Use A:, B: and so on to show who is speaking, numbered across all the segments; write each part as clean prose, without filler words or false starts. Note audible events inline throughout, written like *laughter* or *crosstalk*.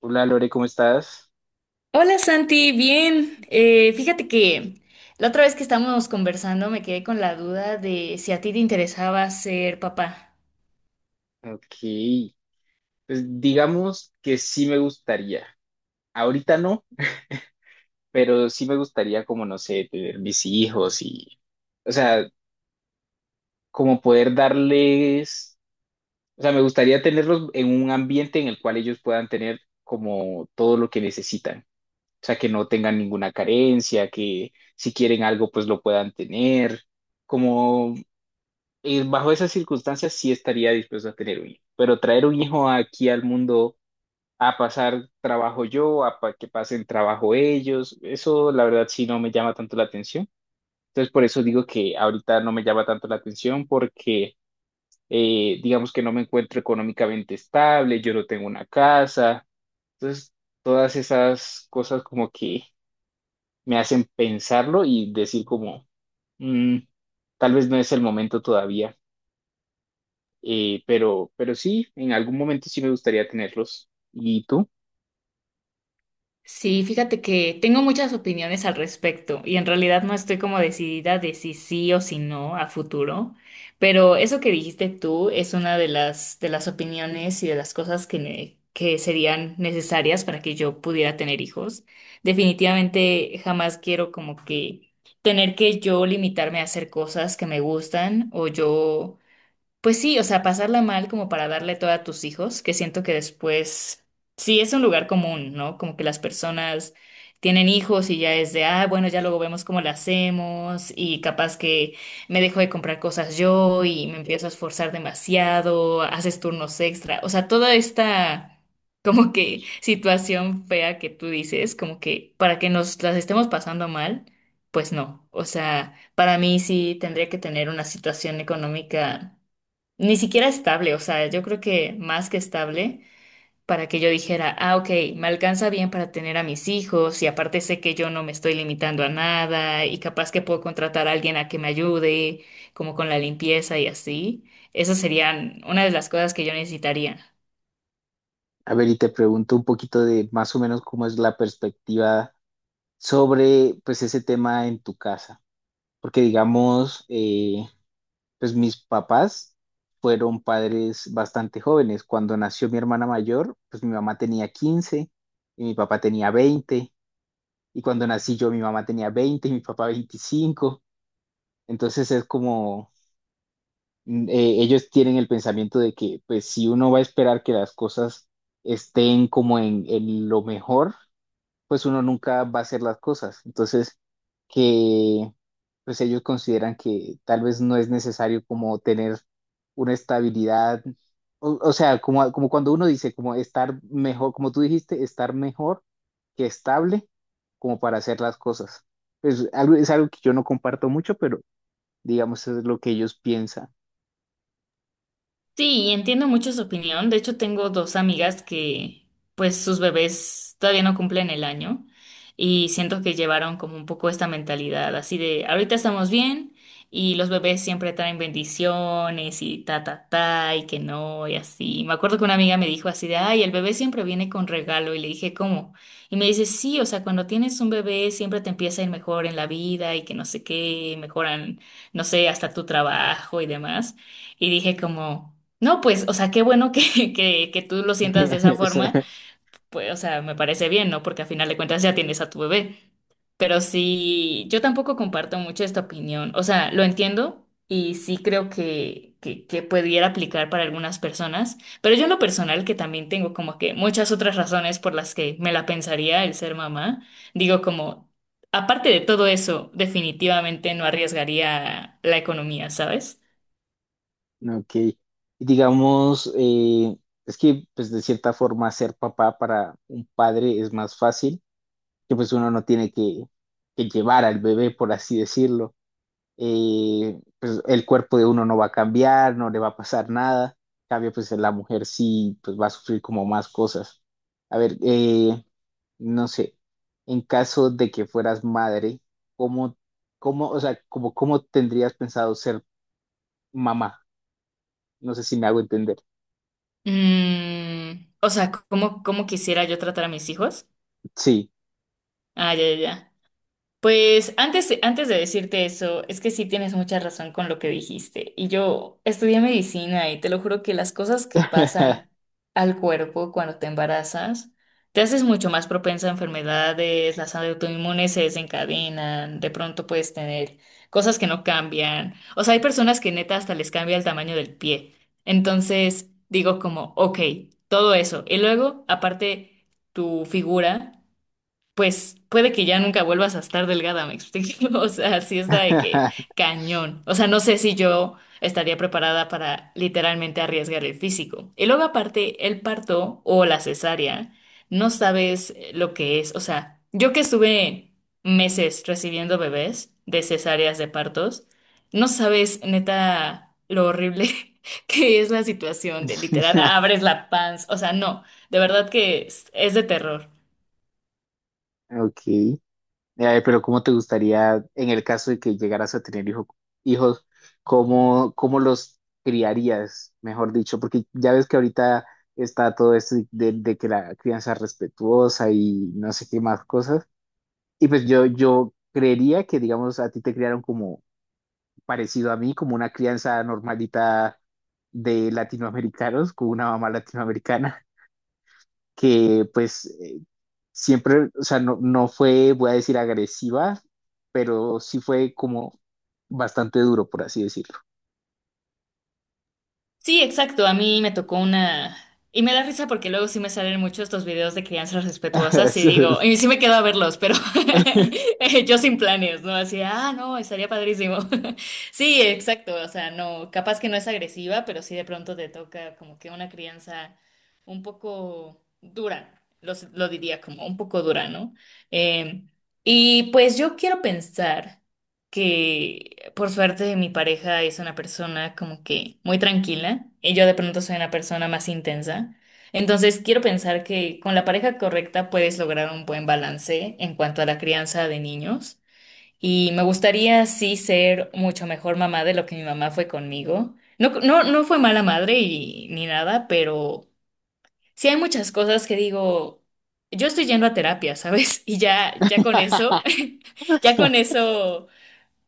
A: Hola Lore, ¿cómo estás?
B: Hola Santi, bien. Fíjate que la otra vez que estábamos conversando me quedé con la duda de si a ti te interesaba ser papá.
A: Ok, pues digamos que sí me gustaría. Ahorita no, pero sí me gustaría como, no sé, tener mis hijos y, o sea, como poder darles, o sea, me gustaría tenerlos en un ambiente en el cual ellos puedan tener como todo lo que necesitan. O sea, que no tengan ninguna carencia, que si quieren algo, pues lo puedan tener. Como bajo esas circunstancias sí estaría dispuesto a tener un hijo, pero traer un hijo aquí al mundo a pasar trabajo yo, que pasen trabajo ellos. Eso la verdad sí no me llama tanto la atención. Entonces por eso digo que ahorita no me llama tanto la atención porque digamos que no me encuentro económicamente estable, yo no tengo una casa. Entonces todas esas cosas como que me hacen pensarlo y decir como, "Mm, tal vez no es el momento todavía. Pero sí, en algún momento sí me gustaría tenerlos. ¿Y tú?
B: Sí, fíjate que tengo muchas opiniones al respecto y en realidad no estoy como decidida de si sí o si no a futuro, pero eso que dijiste tú es una de las opiniones y de las cosas que serían necesarias para que yo pudiera tener hijos. Definitivamente jamás quiero como que tener que yo limitarme a hacer cosas que me gustan o yo pues sí, o sea, pasarla mal como para darle todo a tus hijos, que siento que después, sí, es un lugar común, ¿no? Como que las personas tienen hijos y ya es de, ah, bueno, ya luego vemos cómo lo hacemos y capaz que me dejo de comprar cosas yo y me empiezo a esforzar demasiado, haces turnos extra, o sea, toda esta como que *laughs* situación fea que tú dices, como que para que nos las estemos pasando mal, pues no, o sea, para mí sí tendría que tener una situación económica. Ni siquiera estable, o sea, yo creo que más que estable para que yo dijera, ah, ok, me alcanza bien para tener a mis hijos y aparte sé que yo no me estoy limitando a nada y capaz que puedo contratar a alguien a que me ayude, como con la limpieza y así. Esas serían una de las cosas que yo necesitaría.
A: A ver, y te pregunto un poquito de más o menos cómo es la perspectiva sobre pues ese tema en tu casa, porque digamos, pues mis papás fueron padres bastante jóvenes. Cuando nació mi hermana mayor, pues mi mamá tenía 15 y mi papá tenía 20 y cuando nací yo mi mamá tenía 20 y mi papá 25. Entonces es como, ellos tienen el pensamiento de que pues si uno va a esperar que las cosas estén como en lo mejor, pues uno nunca va a hacer las cosas. Entonces, que pues ellos consideran que tal vez no es necesario como tener una estabilidad, o sea, como, como cuando uno dice, como estar mejor, como tú dijiste, estar mejor que estable, como para hacer las cosas. Es algo que yo no comparto mucho, pero digamos es lo que ellos piensan.
B: Sí, y entiendo mucho su opinión. De hecho, tengo dos amigas que, pues, sus bebés todavía no cumplen el año y siento que llevaron como un poco esta mentalidad así de, ahorita estamos bien y los bebés siempre traen bendiciones y ta, ta, ta, y que no, y así. Me acuerdo que una amiga me dijo así de, ay, el bebé siempre viene con regalo y le dije, ¿cómo? Y me dice, sí, o sea, cuando tienes un bebé siempre te empieza a ir mejor en la vida y que no sé qué, mejoran, no sé, hasta tu trabajo y demás. Y dije como... No, pues, o sea, qué bueno que tú lo sientas de esa forma,
A: *laughs*
B: pues, o sea, me parece bien, ¿no? Porque a final de cuentas ya tienes a tu bebé. Pero sí, yo tampoco comparto mucho esta opinión. O sea, lo entiendo y sí creo que pudiera aplicar para algunas personas, pero yo en lo personal, que también tengo como que muchas otras razones por las que me la pensaría el ser mamá, digo como, aparte de todo eso, definitivamente no arriesgaría la economía, ¿sabes?
A: Ok. Y digamos, es que pues de cierta forma ser papá para un padre es más fácil, que pues uno no tiene que llevar al bebé, por así decirlo. Pues el cuerpo de uno no va a cambiar, no le va a pasar nada. En cambio, pues la mujer sí pues va a sufrir como más cosas. A ver, no sé, en caso de que fueras madre, ¿cómo, cómo, o sea, como, cómo tendrías pensado ser mamá? No sé si me hago entender.
B: O sea, ¿cómo, cómo quisiera yo tratar a mis hijos?
A: Sí.
B: Ah, ya, ya, ya. Pues antes, antes de decirte eso, es que sí tienes mucha razón con lo que dijiste. Y yo estudié medicina y te lo juro que las cosas que pasan
A: *laughs*
B: al cuerpo cuando te embarazas, te haces mucho más propensa a enfermedades, las autoinmunes se desencadenan, de pronto puedes tener cosas que no cambian. O sea, hay personas que neta hasta les cambia el tamaño del pie. Entonces digo como, ok, todo eso. Y luego, aparte, tu figura pues puede que ya nunca vuelvas a estar delgada, ¿me explico? *laughs* O sea, sí está de que cañón. O sea, no sé si yo estaría preparada para literalmente arriesgar el físico. Y luego aparte, el parto o la cesárea, no sabes lo que es. O sea, yo que estuve meses recibiendo bebés de cesáreas de partos, no sabes neta lo horrible *laughs* que es la situación de literal abres la panza. O sea, no, de verdad que es de terror.
A: Ok. Pero ¿cómo te gustaría, en el caso de que llegaras a tener hijos, cómo, cómo los criarías, mejor dicho? Porque ya ves que ahorita está todo esto de que la crianza es respetuosa y no sé qué más cosas. Y pues yo creería que, digamos, a ti te criaron como parecido a mí, como una crianza normalita de latinoamericanos, con una mamá latinoamericana, que pues siempre, o sea, no fue, voy a decir, agresiva, pero sí fue como bastante duro, por así decirlo.
B: Sí, exacto. A mí me tocó una... Y me da risa porque luego sí me salen muchos estos videos de crianzas
A: *laughs*
B: respetuosas y
A: Eso
B: digo,
A: es.
B: y sí me quedo a verlos, pero *laughs* yo sin planes, ¿no? Así, ah, no, estaría padrísimo. *laughs* Sí, exacto. O sea, no, capaz que no es agresiva, pero sí de pronto te toca como que una crianza un poco dura, lo, diría como un poco dura, ¿no? Eh, y pues yo quiero pensar que por suerte mi pareja es una persona como que muy tranquila y yo de pronto soy una persona más intensa. Entonces quiero pensar que con la pareja correcta puedes lograr un buen balance en cuanto a la crianza de niños y me gustaría sí ser mucho mejor mamá de lo que mi mamá fue conmigo. No, no, no fue mala madre y, ni nada, pero sí hay muchas cosas que digo, yo estoy yendo a terapia, ¿sabes? *laughs* Y ya, ya con eso, *laughs* ya con eso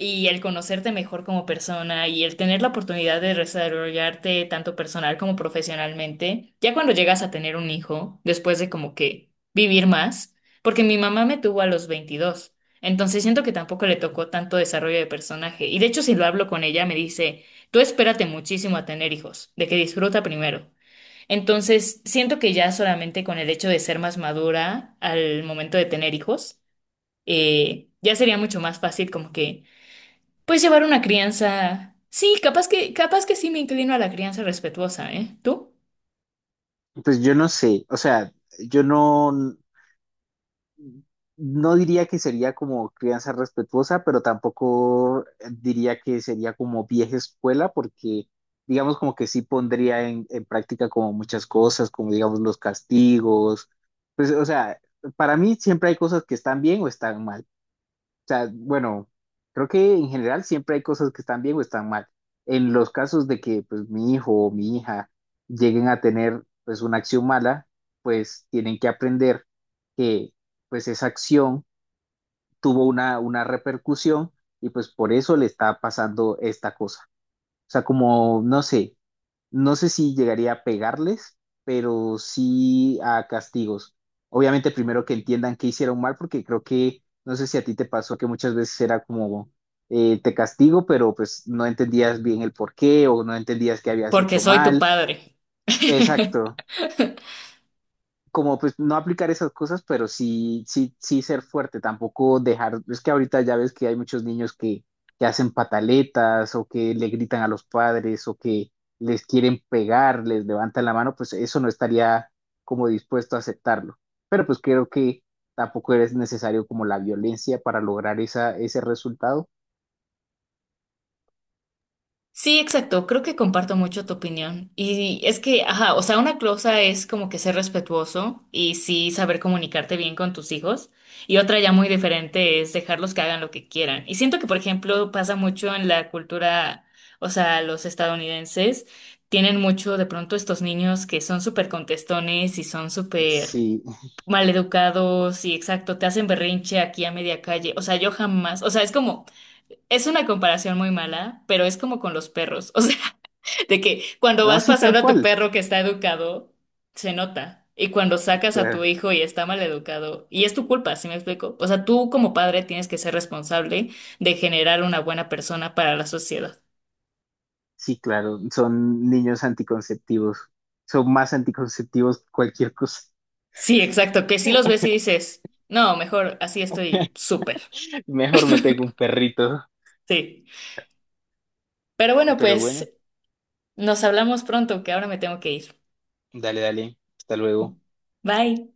B: y el conocerte mejor como persona y el tener la oportunidad de desarrollarte tanto personal como profesionalmente, ya cuando llegas a tener un hijo, después de como que vivir más, porque mi mamá me tuvo a los 22, entonces siento que tampoco le tocó tanto desarrollo de personaje y de hecho si lo hablo con ella me dice, tú espérate muchísimo a tener hijos, de que disfruta primero. Entonces, siento que ya solamente con el hecho de ser más madura al momento de tener hijos, ya sería mucho más fácil como que pues llevar una crianza. Sí, capaz que sí me inclino a la crianza respetuosa, ¿eh? ¿Tú?
A: Pues yo no sé, o sea, yo no diría que sería como crianza respetuosa, pero tampoco diría que sería como vieja escuela, porque digamos como que sí pondría en práctica como muchas cosas, como digamos los castigos, pues o sea, para mí siempre hay cosas que están bien o están mal. O sea, bueno, creo que en general siempre hay cosas que están bien o están mal. En los casos de que pues mi hijo o mi hija lleguen a tener pues una acción mala, pues tienen que aprender que pues esa acción tuvo una repercusión y pues por eso le está pasando esta cosa. O sea, como, no sé, no sé si llegaría a pegarles, pero sí a castigos. Obviamente primero que entiendan que hicieron mal, porque creo que, no sé si a ti te pasó que muchas veces era como, te castigo, pero pues no entendías bien el por qué o no entendías que habías
B: Porque
A: hecho
B: soy tu
A: mal.
B: padre. *laughs*
A: Exacto, como pues no aplicar esas cosas, pero sí ser fuerte, tampoco dejar, es que ahorita ya ves que hay muchos niños que hacen pataletas o que le gritan a los padres o que les quieren pegar, les levantan la mano, pues eso no estaría como dispuesto a aceptarlo. Pero pues creo que tampoco es necesario como la violencia para lograr esa, ese resultado.
B: Sí, exacto. Creo que comparto mucho tu opinión. Y es que, ajá, o sea, una cosa es como que ser respetuoso y sí saber comunicarte bien con tus hijos. Y otra ya muy diferente es dejarlos que hagan lo que quieran. Y siento que, por ejemplo, pasa mucho en la cultura, o sea, los estadounidenses tienen mucho de pronto estos niños que son súper contestones y son súper
A: Sí,
B: maleducados y exacto, te hacen berrinche aquí a media calle. O sea, yo jamás, o sea, es como... Es una comparación muy mala, pero es como con los perros. *laughs* O sea, de que cuando
A: no,
B: vas
A: sí, tal
B: paseando a tu
A: cual.
B: perro que está educado, se nota. Y cuando sacas a tu
A: Claro,
B: hijo y está mal educado, y es tu culpa, ¿sí me explico? O sea, tú como padre tienes que ser responsable de generar una buena persona para la sociedad.
A: sí, claro, son niños anticonceptivos, son más anticonceptivos que cualquier cosa.
B: Sí, exacto, que si los ves y dices, no, mejor así estoy
A: *laughs*
B: súper.
A: Mejor me tengo un perrito.
B: Sí. Pero bueno,
A: Pero bueno,
B: pues nos hablamos pronto, que ahora me tengo que ir.
A: dale, dale. Hasta luego.
B: Bye.